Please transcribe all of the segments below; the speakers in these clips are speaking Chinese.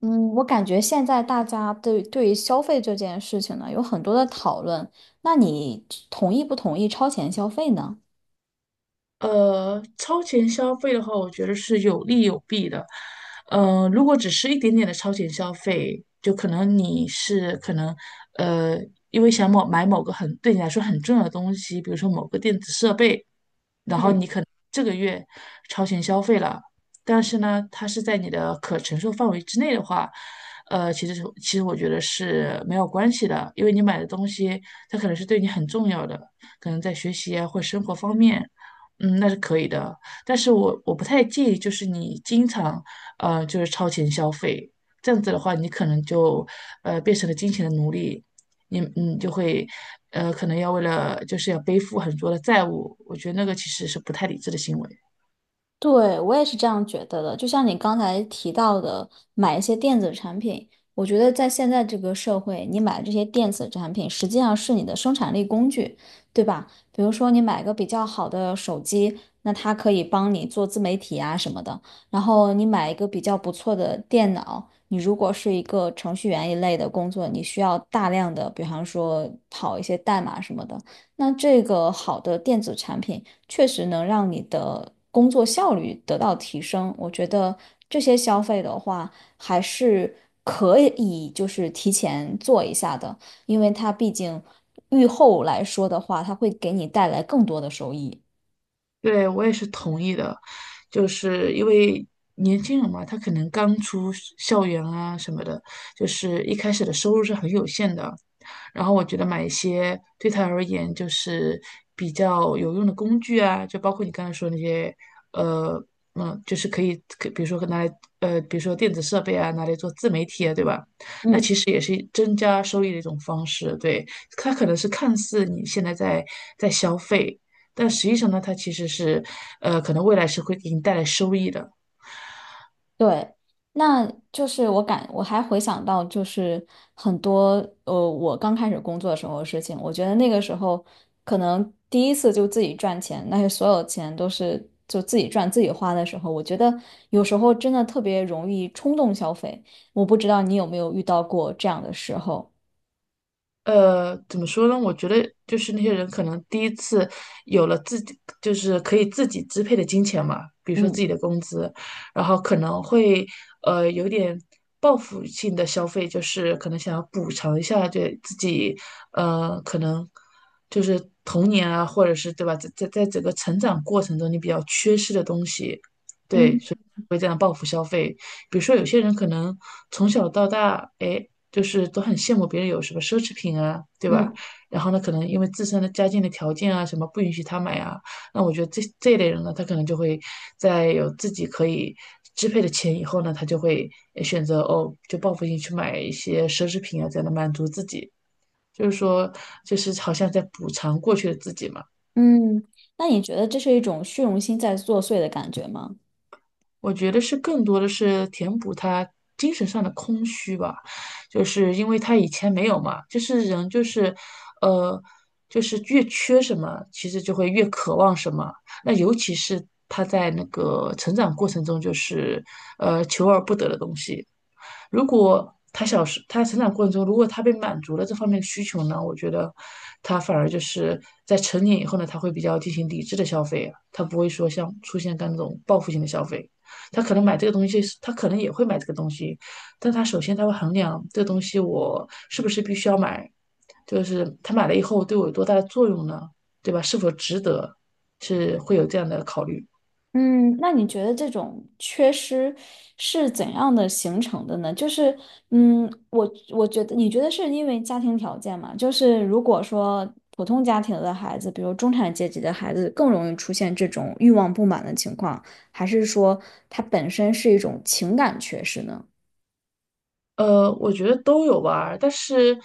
嗯，我感觉现在大家对于消费这件事情呢，有很多的讨论。那你同意不同意超前消费呢？超前消费的话，我觉得是有利有弊的。如果只是一点点的超前消费，就可能你是可能呃，因为想某买某个很对你来说很重要的东西，比如说某个电子设备，嗯。这个月超前消费了，但是呢，它是在你的可承受范围之内的话，其实我觉得是没有关系的，因为你买的东西它可能是对你很重要的，可能在学习啊或生活方面，嗯，那是可以的。但是我不太建议，就是你经常就是超前消费，这样子的话，你可能就变成了金钱的奴隶，你嗯就会，可能要为了就是要背负很多的债务，我觉得那个其实是不太理智的行为。对，我也是这样觉得的。就像你刚才提到的，买一些电子产品，我觉得在现在这个社会，你买这些电子产品实际上是你的生产力工具，对吧？比如说你买个比较好的手机，那它可以帮你做自媒体啊什么的。然后你买一个比较不错的电脑，你如果是一个程序员一类的工作，你需要大量的，比方说跑一些代码什么的，那这个好的电子产品，确实能让你的工作效率得到提升。我觉得这些消费的话，还是可以就是提前做一下的，因为它毕竟预后来说的话，它会给你带来更多的收益。对，我也是同意的，就是因为年轻人嘛，他可能刚出是校园啊什么的，就是一开始的收入是很有限的。然后我觉得买一些对他而言就是比较有用的工具啊，就包括你刚才说那些，呃，就是可以，可比如说拿来，比如说电子设备啊，拿来做自媒体啊，对吧？那嗯。其实也是增加收益的一种方式。对，它可能是看似你现在在消费。但实际上呢，它其实是，可能未来是会给你带来收益的。对，那就是我还回想到就是很多我刚开始工作的时候的事情，我觉得那个时候可能第一次就自己赚钱，那些所有钱都是就自己赚自己花的时候，我觉得有时候真的特别容易冲动消费。我不知道你有没有遇到过这样的时候？怎么说呢？我觉得就是那些人可能第一次有了自己，就是可以自己支配的金钱嘛，比如说自嗯己的工资，然后可能会有点报复性的消费，就是可能想要补偿一下对自己，可能就是童年啊，或者是对吧，在整个成长过程中你比较缺失的东西，对，所嗯以会这样报复消费。比如说有些人可能从小到大，哎。就是都很羡慕别人有什么奢侈品啊，对吧？嗯然后呢，可能因为自身的家境的条件啊，什么不允许他买啊，那我觉得这一类人呢，他可能就会在有自己可以支配的钱以后呢，他就会选择哦，就报复性去买一些奢侈品啊，这样的满足自己，就是说，就是好像在补偿过去的自己嘛。嗯，那你觉得这是一种虚荣心在作祟的感觉吗？我觉得是更多的是填补他精神上的空虚吧，就是因为他以前没有嘛，就是人就是，呃，就是越缺什么，其实就会越渴望什么。那尤其是他在那个成长过程中，就是求而不得的东西，如果他小时他成长过程中，如果他被满足了这方面的需求呢，我觉得他反而就是在成年以后呢，他会比较进行理智的消费啊，他不会说像出现刚那种报复性的消费。他可能买这个东西，他可能也会买这个东西，但他首先他会衡量这个东西我是不是必须要买，就是他买了以后对我有多大的作用呢？对吧？是否值得？是会有这样的考虑。嗯，那你觉得这种缺失是怎样的形成的呢？就是，嗯，我觉得，你觉得是因为家庭条件嘛？就是如果说普通家庭的孩子，比如中产阶级的孩子，更容易出现这种欲望不满的情况，还是说它本身是一种情感缺失呢？我觉得都有吧，但是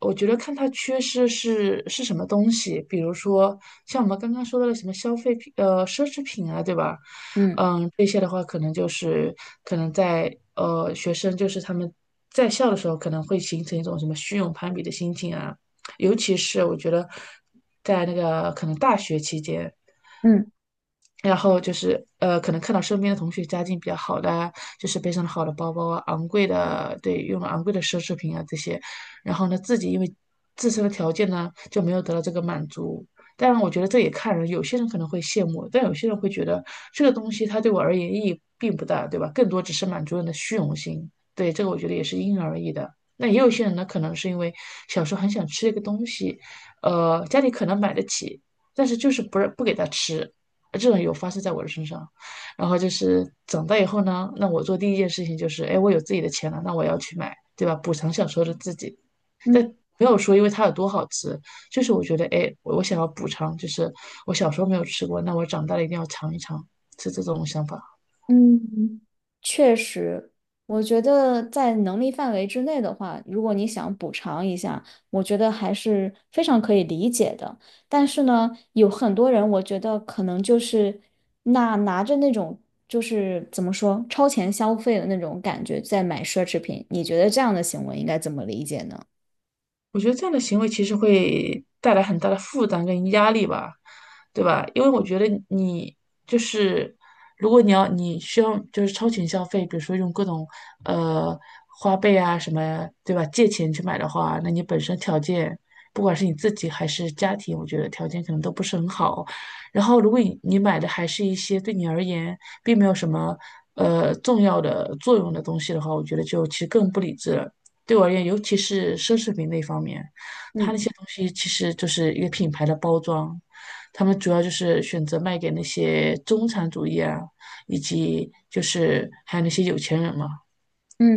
我觉得看他缺失是什么东西，比如说像我们刚刚说到的什么消费品，奢侈品啊，对吧？嗯嗯，这些的话，可能在学生就是他们在校的时候，可能会形成一种什么虚荣攀比的心情啊，尤其是我觉得在那个可能大学期间。嗯然后就是可能看到身边的同学家境比较好的啊，就是背上了好的包包啊，昂贵的，对，用了昂贵的奢侈品啊这些，然后呢，自己因为自身的条件呢，就没有得到这个满足。当然，我觉得这也看人，有些人可能会羡慕，但有些人会觉得这个东西它对我而言意义并不大，对吧？更多只是满足人的虚荣心。对，这个我觉得也是因人而异的。那也有些人呢，可能是因为小时候很想吃一个东西，家里可能买得起，但是就是不给他吃，这种有发生在我的身上。然后就是长大以后呢，那我做第一件事情就是，哎，我有自己的钱了，那我要去买，对吧？补偿小时候的自己。嗯但没有说因为它有多好吃，就是我觉得，哎，我想要补偿，就是我小时候没有吃过，那我长大了一定要尝一尝，是这种想法。嗯，确实，我觉得在能力范围之内的话，如果你想补偿一下，我觉得还是非常可以理解的。但是呢，有很多人，我觉得可能就是那拿着那种就是怎么说超前消费的那种感觉在买奢侈品，你觉得这样的行为应该怎么理解呢？我觉得这样的行为其实会带来很大的负担跟压力吧，对吧？因为我觉得你就是，如果你要你需要就是超前消费，比如说用各种呃花呗啊什么，对吧？借钱去买的话，那你本身条件，不管是你自己还是家庭，我觉得条件可能都不是很好。然后，如果你买的还是一些对你而言并没有什么重要的作用的东西的话，我觉得就其实更不理智了。对我而言，尤其是奢侈品那方面，它那嗯些东西其实就是一个品牌的包装，他们主要就是选择卖给那些中产主义啊，以及就是还有那些有钱人嘛，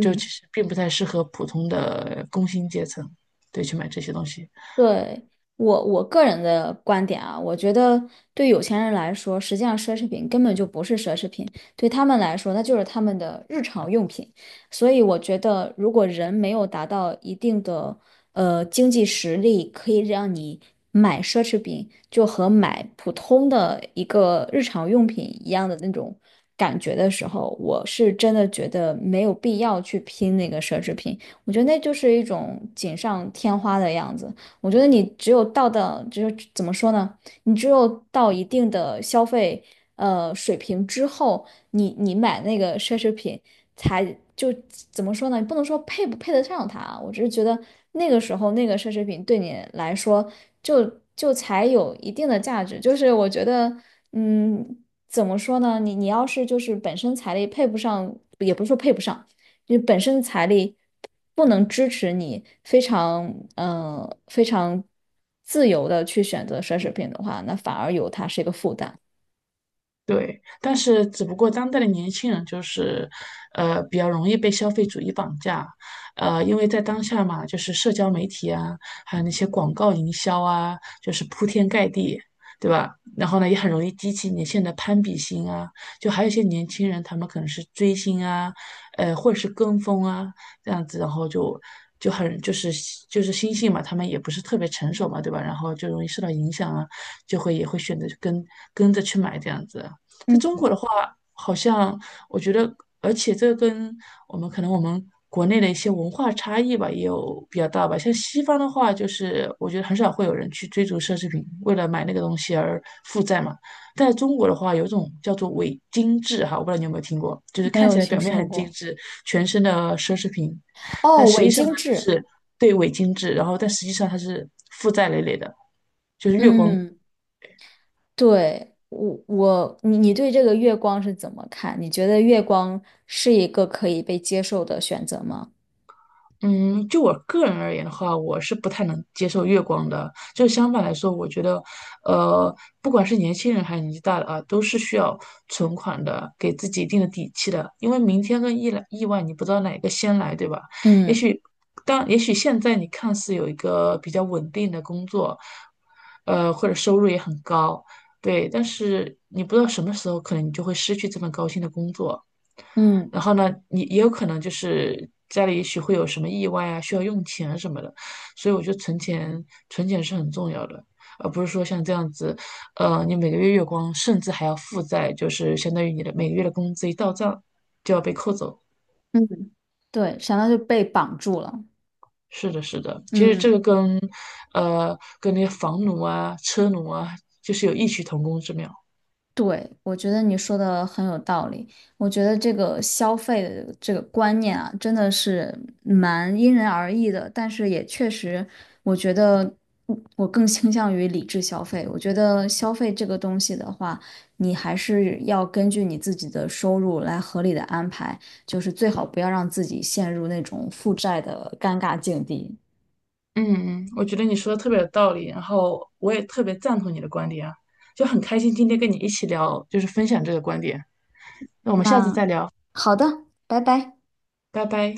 就其实并不太适合普通的工薪阶层，对，去买这些东西。对，我个人的观点啊，我觉得对有钱人来说，实际上奢侈品根本就不是奢侈品，对他们来说，那就是他们的日常用品。所以我觉得，如果人没有达到一定的经济实力，可以让你买奢侈品，就和买普通的一个日常用品一样的那种感觉的时候，我是真的觉得没有必要去拼那个奢侈品。我觉得那就是一种锦上添花的样子。我觉得你只有到的，就是怎么说呢？你只有到一定的消费水平之后，你买那个奢侈品才就怎么说呢？不能说配不配得上它啊，我只是觉得那个时候那个奢侈品对你来说就就才有一定的价值。就是我觉得，嗯，怎么说呢？你要是就是本身财力配不上，也不是说配不上。就本身财力不能支持你非常自由的去选择奢侈品的话，那反而有它是一个负担。对，但是只不过当代的年轻人就是，比较容易被消费主义绑架，因为在当下嘛，就是社交媒体啊，还有那些广告营销啊，就是铺天盖地，对吧？然后呢，也很容易激起年轻人的攀比心啊，就还有一些年轻人，他们可能是追星啊，或者是跟风啊，这样子，然后就很就是就是心性嘛，他们也不是特别成熟嘛，对吧？然后就容易受到影响啊，就会也会选择跟着去买这样子。在中嗯，国的话，好像我觉得，而且这个跟我们可能我们国内的一些文化差异吧，也有比较大吧。像西方的话，就是我觉得很少会有人去追逐奢侈品，为了买那个东西而负债嘛。但在中国的话，有一种叫做伪精致哈，我不知道你有没有听过，就是没看有起来听表面说很精过。致，全身的奢侈品，但哦，实伪际上精呢，就致，是对伪精致，然后但实际上它是负债累累的，就是月光。嗯，对，我你对这个月光是怎么看？你觉得月光是一个可以被接受的选择吗？嗯，就我个人而言的话，我是不太能接受月光的。就相反来说，我觉得，呃，不管是年轻人还是年纪大的啊，都是需要存款的，给自己一定的底气的。因为明天跟意来意外，你不知道哪个先来，对吧？也嗯许当也许现在你看似有一个比较稳定的工作，或者收入也很高，对，但是你不知道什么时候可能你就会失去这份高薪的工作。嗯然后呢，你也有可能就是家里也许会有什么意外啊，需要用钱啊什么的，所以我觉得存钱是很重要的，而不是说像这样子，你每个月月光，甚至还要负债，就是相当于你的每个月的工资一到账就要被扣走。嗯，对，想到就被绑住了。是的，是的，其实这嗯。个跟，跟那些房奴啊、车奴啊，就是有异曲同工之妙。对，我觉得你说的很有道理。我觉得这个消费的这个观念啊，真的是蛮因人而异的。但是也确实，我觉得我更倾向于理智消费。我觉得消费这个东西的话，你还是要根据你自己的收入来合理的安排，就是最好不要让自己陷入那种负债的尴尬境地。嗯嗯，我觉得你说的特别有道理，然后我也特别赞同你的观点啊，就很开心今天跟你一起聊，就是分享这个观点。那我们下次那再聊，好的，拜拜。拜拜。